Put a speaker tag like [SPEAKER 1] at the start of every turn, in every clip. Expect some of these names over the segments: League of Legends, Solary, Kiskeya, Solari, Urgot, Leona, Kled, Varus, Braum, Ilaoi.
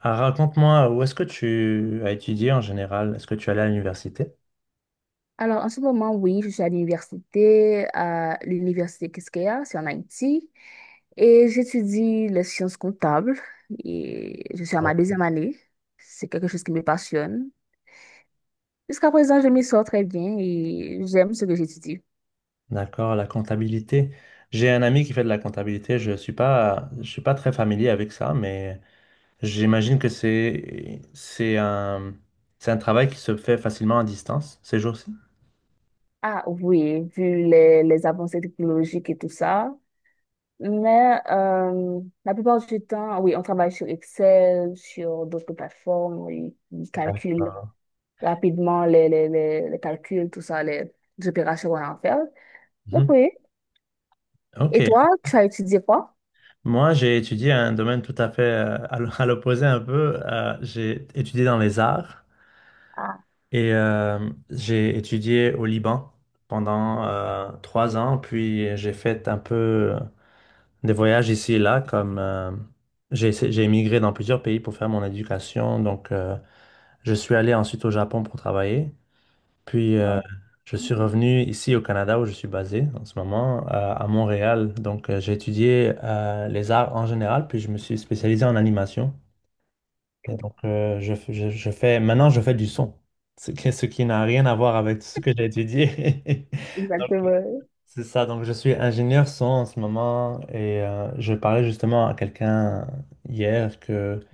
[SPEAKER 1] Ah, raconte-moi, où est-ce que tu as étudié en général? Est-ce que tu allais à l'université?
[SPEAKER 2] Alors, en ce moment, oui, je suis à l'université Kiskeya, c'est en Haïti, et j'étudie les sciences comptables, et je suis à ma
[SPEAKER 1] Oh.
[SPEAKER 2] deuxième année. C'est quelque chose qui me passionne. Jusqu'à présent, je m'y sors très bien et j'aime ce que j'étudie.
[SPEAKER 1] D'accord, la comptabilité. J'ai un ami qui fait de la comptabilité. Je suis pas très familier avec ça, mais j'imagine que c'est un travail qui se fait facilement à distance ces jours-ci.
[SPEAKER 2] Ah oui, vu les avancées technologiques et tout ça. Mais la plupart du temps, oui, on travaille sur Excel, sur d'autres plateformes, oui, on calcule
[SPEAKER 1] Ah.
[SPEAKER 2] rapidement les calculs, tout ça, les opérations qu'on a à faire.
[SPEAKER 1] Mhm.
[SPEAKER 2] Donc oui.
[SPEAKER 1] Ok.
[SPEAKER 2] Et toi, tu as étudié quoi?
[SPEAKER 1] Moi, j'ai étudié un domaine tout à fait à l'opposé un peu. J'ai étudié dans les arts.
[SPEAKER 2] Ah,
[SPEAKER 1] Et j'ai étudié au Liban pendant 3 ans, puis j'ai fait un peu euh, des voyages ici et là, comme j'ai émigré dans plusieurs pays pour faire mon éducation. Donc, je suis allé ensuite au Japon pour travailler, puis
[SPEAKER 2] non,
[SPEAKER 1] je suis revenu ici au Canada où je suis basé en ce moment, à Montréal. Donc, j'ai étudié les arts en général, puis je me suis spécialisé en animation. Et donc, je, f- je fais, maintenant, je fais du son, ce qui n'a rien à voir avec tout ce que j'ai étudié. Donc,
[SPEAKER 2] exactement.
[SPEAKER 1] c'est ça. Donc, je suis ingénieur son en ce moment et je parlais justement à quelqu'un hier que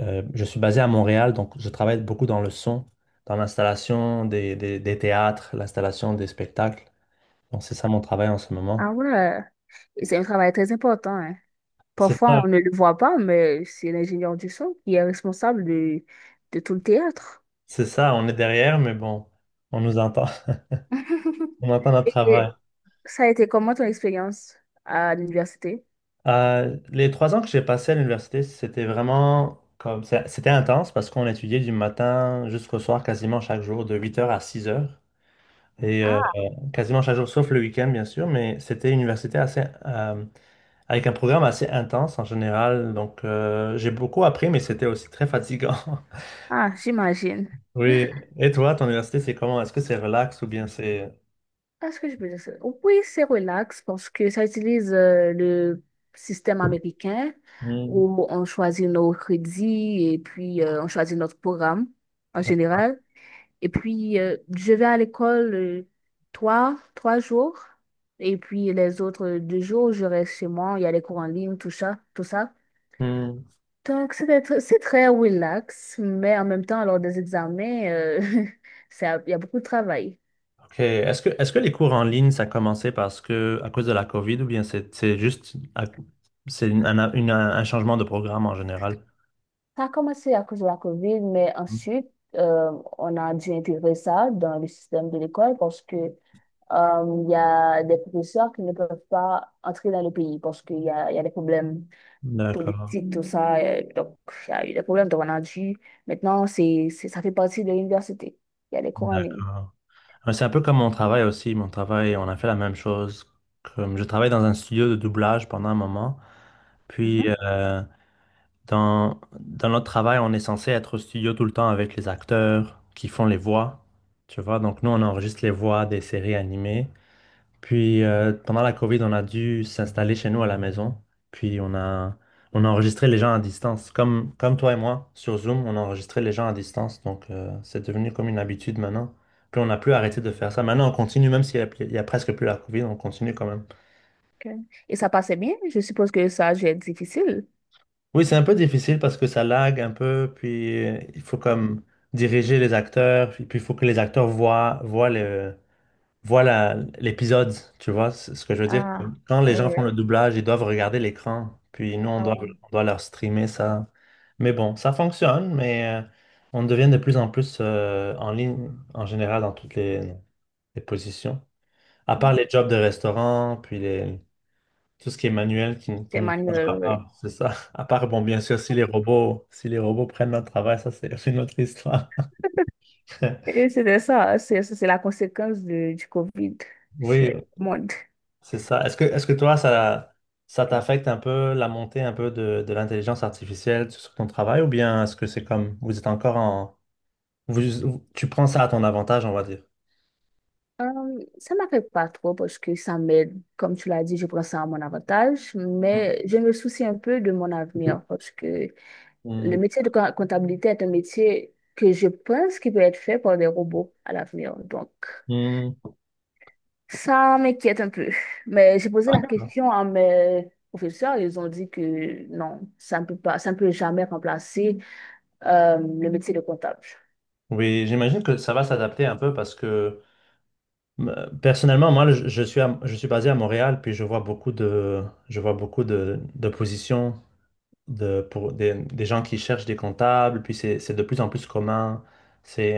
[SPEAKER 1] je suis basé à Montréal, donc je travaille beaucoup dans le son, dans l'installation des théâtres, l'installation des spectacles. Donc, c'est ça mon travail en ce moment.
[SPEAKER 2] Ah ouais, et c'est un travail très important, hein.
[SPEAKER 1] C'est
[SPEAKER 2] Parfois,
[SPEAKER 1] ça,
[SPEAKER 2] on ne le voit pas, mais c'est l'ingénieur du son qui est responsable de tout le théâtre.
[SPEAKER 1] c'est ça, on est derrière, mais bon, on nous entend, on entend notre
[SPEAKER 2] Et
[SPEAKER 1] travail.
[SPEAKER 2] et ça a été comment ton expérience à l'université?
[SPEAKER 1] Les 3 ans que j'ai passés à l'université, c'était vraiment c'était intense parce qu'on étudiait du matin jusqu'au soir, quasiment chaque jour, de 8 heures à 6 heures. Et
[SPEAKER 2] Ah,
[SPEAKER 1] quasiment chaque jour, sauf le week-end, bien sûr, mais c'était une université assez, avec un programme assez intense en général. Donc, j'ai beaucoup appris, mais c'était aussi très fatigant.
[SPEAKER 2] ah, j'imagine.
[SPEAKER 1] Oui. Et toi, ton université, c'est comment? Est-ce que c'est relax ou bien c'est.
[SPEAKER 2] Est ce que je peux dire, c'est... oui, c'est relax parce que ça utilise le système américain
[SPEAKER 1] Hmm.
[SPEAKER 2] où on choisit nos crédits et puis on choisit notre programme en général. Et puis, je vais à l'école trois jours et puis les autres deux jours, je reste chez moi. Il y a les cours en ligne, tout ça, tout ça.
[SPEAKER 1] Hmm.
[SPEAKER 2] Donc, c'est très relax, mais en même temps, lors des examens, ça... il y a beaucoup de travail.
[SPEAKER 1] OK. Est-ce que les cours en ligne, ça a commencé parce que, à cause de la COVID ou bien c'est c'est un changement de programme en général?
[SPEAKER 2] Ça a commencé à cause de la COVID, mais ensuite, euh, on a dû intégrer ça dans le système de l'école parce que il y a des professeurs qui ne peuvent pas entrer dans le pays parce qu'il y a des problèmes
[SPEAKER 1] D'accord,
[SPEAKER 2] politiques, tout ça. Donc, il y a eu des problèmes, donc on a dû. Maintenant, ça fait partie de l'université. Il y a des cours en ligne.
[SPEAKER 1] d'accord. Ouais, c'est un peu comme mon travail aussi. Mon travail, on a fait la même chose. Comme je travaille dans un studio de doublage pendant un moment. Puis,
[SPEAKER 2] Mhm,
[SPEAKER 1] dans notre travail, on est censé être au studio tout le temps avec les acteurs qui font les voix. Tu vois, donc nous, on enregistre les voix des séries animées. Puis pendant la COVID, on a dû s'installer chez nous à la maison. Puis on a, on a enregistré les gens à distance. Comme toi et moi, sur Zoom, on a enregistré les gens à distance. Donc c'est devenu comme une habitude maintenant. Puis on n'a plus arrêté de faire ça. Maintenant, on continue, même s'il y a presque plus la COVID, on continue quand même.
[SPEAKER 2] ok. Et ça passait bien? Je suppose que ça a dû être difficile.
[SPEAKER 1] Oui, c'est un peu difficile parce que ça lag un peu. Puis il faut comme diriger les acteurs. Puis il faut que les acteurs voient le voilà l'épisode, tu vois, c'est ce que je veux dire.
[SPEAKER 2] Ah,
[SPEAKER 1] Quand les gens
[SPEAKER 2] oui.
[SPEAKER 1] font le doublage, ils doivent regarder l'écran, puis nous, on
[SPEAKER 2] Ah,
[SPEAKER 1] doit,
[SPEAKER 2] ouais.
[SPEAKER 1] on doit leur streamer ça. Mais bon, ça fonctionne, mais on devient de plus en plus en ligne, en général, dans toutes les positions. À part les jobs de restaurant, puis tout ce qui est manuel qui
[SPEAKER 2] Des
[SPEAKER 1] nous
[SPEAKER 2] manuels, oui.
[SPEAKER 1] parle, c'est ça. À part, bon, bien sûr, si les robots prennent notre travail, ça, c'est une autre histoire.
[SPEAKER 2] Et c'était ça, c'est la conséquence de... du Covid sur
[SPEAKER 1] Oui,
[SPEAKER 2] le monde.
[SPEAKER 1] c'est ça. Est-ce que toi, ça t'affecte un peu la montée un peu de l'intelligence artificielle sur ton travail ou bien est-ce que c'est comme vous êtes encore en. Tu prends ça à ton avantage, on va dire.
[SPEAKER 2] Ça m'affecte pas trop parce que ça m'aide, comme tu l'as dit, je prends ça à mon avantage, mais je me soucie un peu de mon avenir parce que
[SPEAKER 1] Mm,
[SPEAKER 2] le métier de comptabilité est un métier que je pense qui peut être fait par des robots à l'avenir. Donc,
[SPEAKER 1] mm.
[SPEAKER 2] ça m'inquiète un peu. Mais j'ai posé la question à mes professeurs, ils ont dit que non, ça ne peut pas, ça ne peut jamais remplacer le métier de comptable.
[SPEAKER 1] Oui, j'imagine que ça va s'adapter un peu parce que personnellement, moi, je suis basé à Montréal, puis je vois beaucoup de positions pour des gens qui cherchent des comptables, puis c'est de plus en plus commun.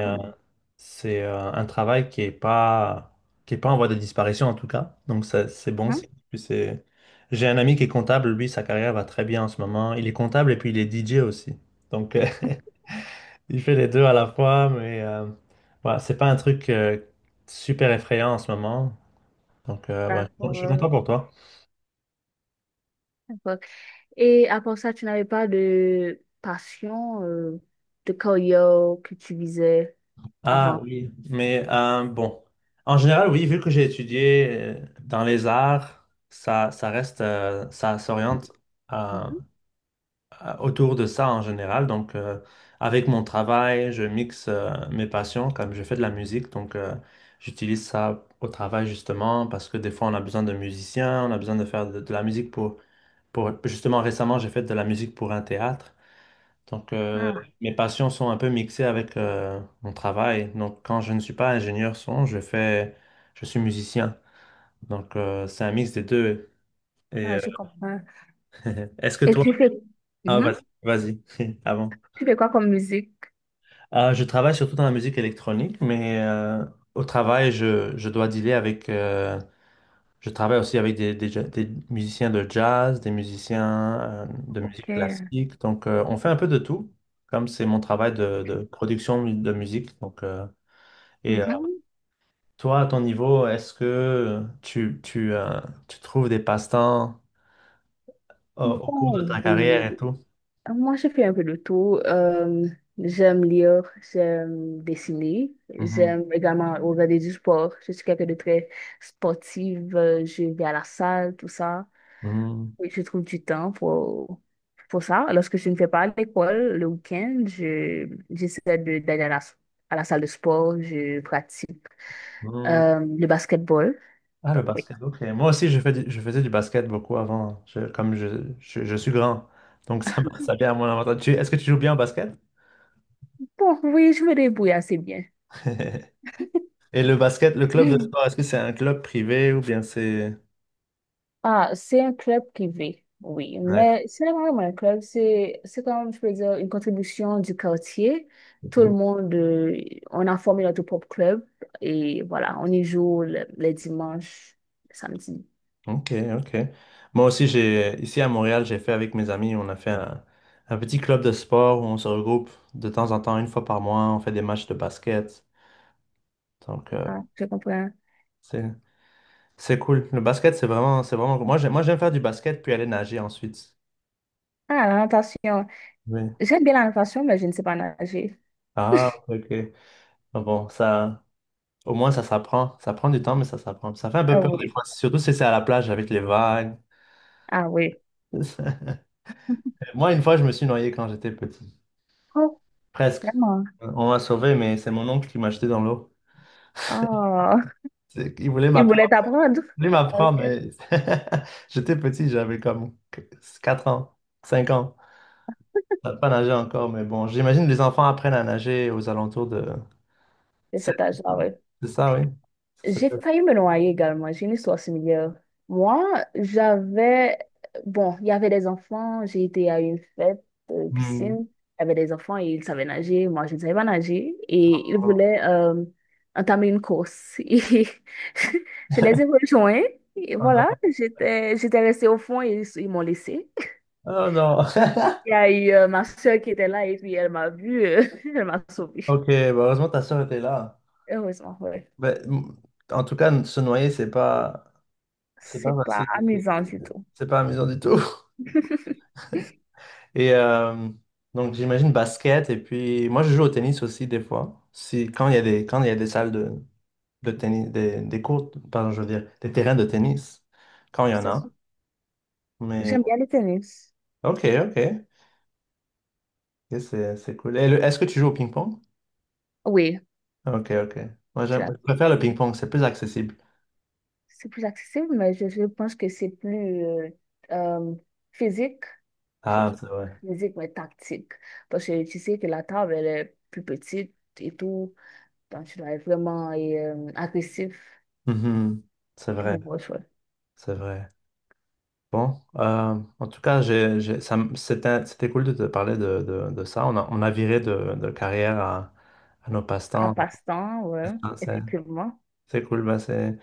[SPEAKER 2] Comment?
[SPEAKER 1] C'est un travail qui est pas en voie de disparition en tout cas. Donc ça, c'est bon. J'ai un ami qui est comptable, lui, sa carrière va très bien en ce moment. Il est comptable et puis il est DJ aussi. Donc il fait les deux à la fois, mais voilà, c'est pas un truc super effrayant en ce moment. Donc ouais, je suis content
[SPEAKER 2] D'accord.
[SPEAKER 1] pour toi.
[SPEAKER 2] D'accord. Et à part ça, tu n'avais pas de passion, de carrière que tu visais
[SPEAKER 1] Ah
[SPEAKER 2] avant.
[SPEAKER 1] oui, mais bon. En général, oui, vu que j'ai étudié dans les arts, ça reste, ça s'oriente. euh,
[SPEAKER 2] Mhm.
[SPEAKER 1] Autour de ça en général. Donc, avec mon travail, je mixe mes passions, comme je fais de la musique. Donc, j'utilise ça au travail justement parce que des fois, on a besoin de musiciens, on a besoin de faire de la musique pour, justement, récemment, j'ai fait de la musique pour un théâtre. Donc,
[SPEAKER 2] Ah,
[SPEAKER 1] mes passions sont un peu mixées avec mon travail. Donc, quand je ne suis pas ingénieur son, je fais. Je suis musicien. Donc, c'est un mix des deux. Et
[SPEAKER 2] ah, je comprends.
[SPEAKER 1] est-ce que
[SPEAKER 2] Et
[SPEAKER 1] toi.
[SPEAKER 2] tu fais,
[SPEAKER 1] Ah,
[SPEAKER 2] Mhm.
[SPEAKER 1] vas-y, vas-y, avant.
[SPEAKER 2] Tu fais quoi comme musique?
[SPEAKER 1] Je travaille surtout dans la musique électronique, mais au travail, je dois dealer avec. Je travaille aussi avec des musiciens de jazz, des musiciens de
[SPEAKER 2] Ok.
[SPEAKER 1] musique classique. Donc, on fait un peu de tout, comme c'est mon travail de, de musique. Donc, et euh,
[SPEAKER 2] Mhm.
[SPEAKER 1] toi, à ton niveau, est-ce que tu trouves des passe-temps au cours de
[SPEAKER 2] Oh,
[SPEAKER 1] ta carrière
[SPEAKER 2] oui.
[SPEAKER 1] et tout?
[SPEAKER 2] Moi, je fais un peu de tout. J'aime lire, j'aime dessiner,
[SPEAKER 1] Mhm.
[SPEAKER 2] j'aime également regarder du sport. Je suis quelqu'un de très sportive. Je vais à la salle, tout ça. Oui, je trouve du temps pour ça. Lorsque je ne fais pas à l'école, le week-end, j'essaie d'aller à la salle de sport, je pratique
[SPEAKER 1] Mhm.
[SPEAKER 2] le basketball.
[SPEAKER 1] Ah, le
[SPEAKER 2] Donc, oui.
[SPEAKER 1] basket, ok. Moi aussi, je faisais du basket beaucoup avant, comme je suis grand. Donc, ça, ça vient à mon avantage. Est-ce que tu joues bien au basket?
[SPEAKER 2] Bon, oui, je me débrouille assez bien.
[SPEAKER 1] Et le basket, le club de
[SPEAKER 2] Mhm.
[SPEAKER 1] sport, est-ce que c'est un club privé ou bien c'est.
[SPEAKER 2] Ah, c'est un club privé, oui,
[SPEAKER 1] D'accord.
[SPEAKER 2] mais ce n'est pas vraiment un club, c'est comme, je peux dire, une contribution du quartier. Tout le monde, on a formé notre propre club et voilà, on y joue les dimanches, les samedis.
[SPEAKER 1] Ok, ok. Moi aussi, ici à Montréal, j'ai fait avec mes amis, on a fait un petit club de sport où on se regroupe de temps en temps, une fois par mois, on fait des matchs de basket. Donc,
[SPEAKER 2] Ah, je comprends.
[SPEAKER 1] c'est, c'est cool. Le basket, c'est vraiment. Moi, j'aime faire du basket puis aller nager ensuite.
[SPEAKER 2] Ah, la natation.
[SPEAKER 1] Oui.
[SPEAKER 2] J'aime bien la natation, mais je ne sais pas nager.
[SPEAKER 1] Ah, ok. Ah bon, ça, au moins, ça s'apprend. Ça prend du temps, mais ça s'apprend. Ça fait un peu
[SPEAKER 2] Ah
[SPEAKER 1] peur des
[SPEAKER 2] oui.
[SPEAKER 1] fois, surtout si c'est à la plage avec les vagues.
[SPEAKER 2] Ah oui.
[SPEAKER 1] Moi, une fois, je me suis noyé quand j'étais petit.
[SPEAKER 2] Oh,
[SPEAKER 1] Presque.
[SPEAKER 2] vraiment.
[SPEAKER 1] On m'a sauvé, mais c'est mon oncle qui m'a jeté dans l'eau.
[SPEAKER 2] Ah,
[SPEAKER 1] C'est- Il voulait
[SPEAKER 2] il voulait
[SPEAKER 1] m'apprendre,
[SPEAKER 2] t'apprendre.
[SPEAKER 1] il voulait
[SPEAKER 2] Ah,
[SPEAKER 1] m'apprendre,
[SPEAKER 2] ok.
[SPEAKER 1] mais j'étais petit, j'avais comme 4 ans, 5 ans. Je savais pas nager encore, mais bon, j'imagine que les enfants apprennent à nager aux alentours de
[SPEAKER 2] De cet
[SPEAKER 1] sept
[SPEAKER 2] âge-là,
[SPEAKER 1] ans.
[SPEAKER 2] oui.
[SPEAKER 1] C'est ça, oui. C'est
[SPEAKER 2] J'ai
[SPEAKER 1] ça.
[SPEAKER 2] failli me noyer également. J'ai une histoire similaire. Moi, j'avais... Bon, il y avait des enfants. J'ai été à une fête,
[SPEAKER 1] Hmm.
[SPEAKER 2] piscine. Il y avait des enfants et ils savaient nager. Moi, je ne savais pas nager. Et ils
[SPEAKER 1] Oh
[SPEAKER 2] voulaient entamer une course. Et je les ai rejoints. Et
[SPEAKER 1] oh non.
[SPEAKER 2] voilà, j'étais restée au fond et ils m'ont laissée.
[SPEAKER 1] Oh non.
[SPEAKER 2] Il y a eu ma soeur qui était là et puis elle m'a vue. Elle m'a sauvée.
[SPEAKER 1] Ok, bah heureusement ta soeur était là.
[SPEAKER 2] Heureusement, ouais.
[SPEAKER 1] Bah, en tout cas, se noyer, c'est pas,
[SPEAKER 2] C'est pas
[SPEAKER 1] facile. C'est
[SPEAKER 2] amusant du tout.
[SPEAKER 1] c'est pas amusant du tout. Et donc, j'imagine basket. Et puis, moi, je joue au tennis aussi des fois. Si, quand il y a des, quand il y a des salles de tennis, des courts, pardon, je veux dire, des terrains de tennis, quand il y en
[SPEAKER 2] C'est...
[SPEAKER 1] a. Mais,
[SPEAKER 2] j'aime bien le tennis.
[SPEAKER 1] ok, ok. Et c'est cool. Et Est-ce que tu joues au ping-pong?
[SPEAKER 2] Oui,
[SPEAKER 1] Ok, ok. Moi,
[SPEAKER 2] c'est
[SPEAKER 1] je
[SPEAKER 2] la...
[SPEAKER 1] préfère le ping-pong, c'est plus accessible.
[SPEAKER 2] c'est plus accessible, mais je pense que c'est plus euh, physique. Je sais pas,
[SPEAKER 1] Ah, c'est vrai.
[SPEAKER 2] physique, mais tactique. Parce que tu sais que la table, elle est plus petite et tout. Donc, tu dois être vraiment agressif
[SPEAKER 1] Mhm. C'est
[SPEAKER 2] pour
[SPEAKER 1] vrai,
[SPEAKER 2] pouvoir jouer.
[SPEAKER 1] c'est vrai. Bon, en tout cas, c'était cool de te parler de ça. On a viré de carrière à nos
[SPEAKER 2] À
[SPEAKER 1] passe-temps.
[SPEAKER 2] passe-temps, ouais,
[SPEAKER 1] Ah, C'est
[SPEAKER 2] effectivement.
[SPEAKER 1] c'est cool, bah, c'est.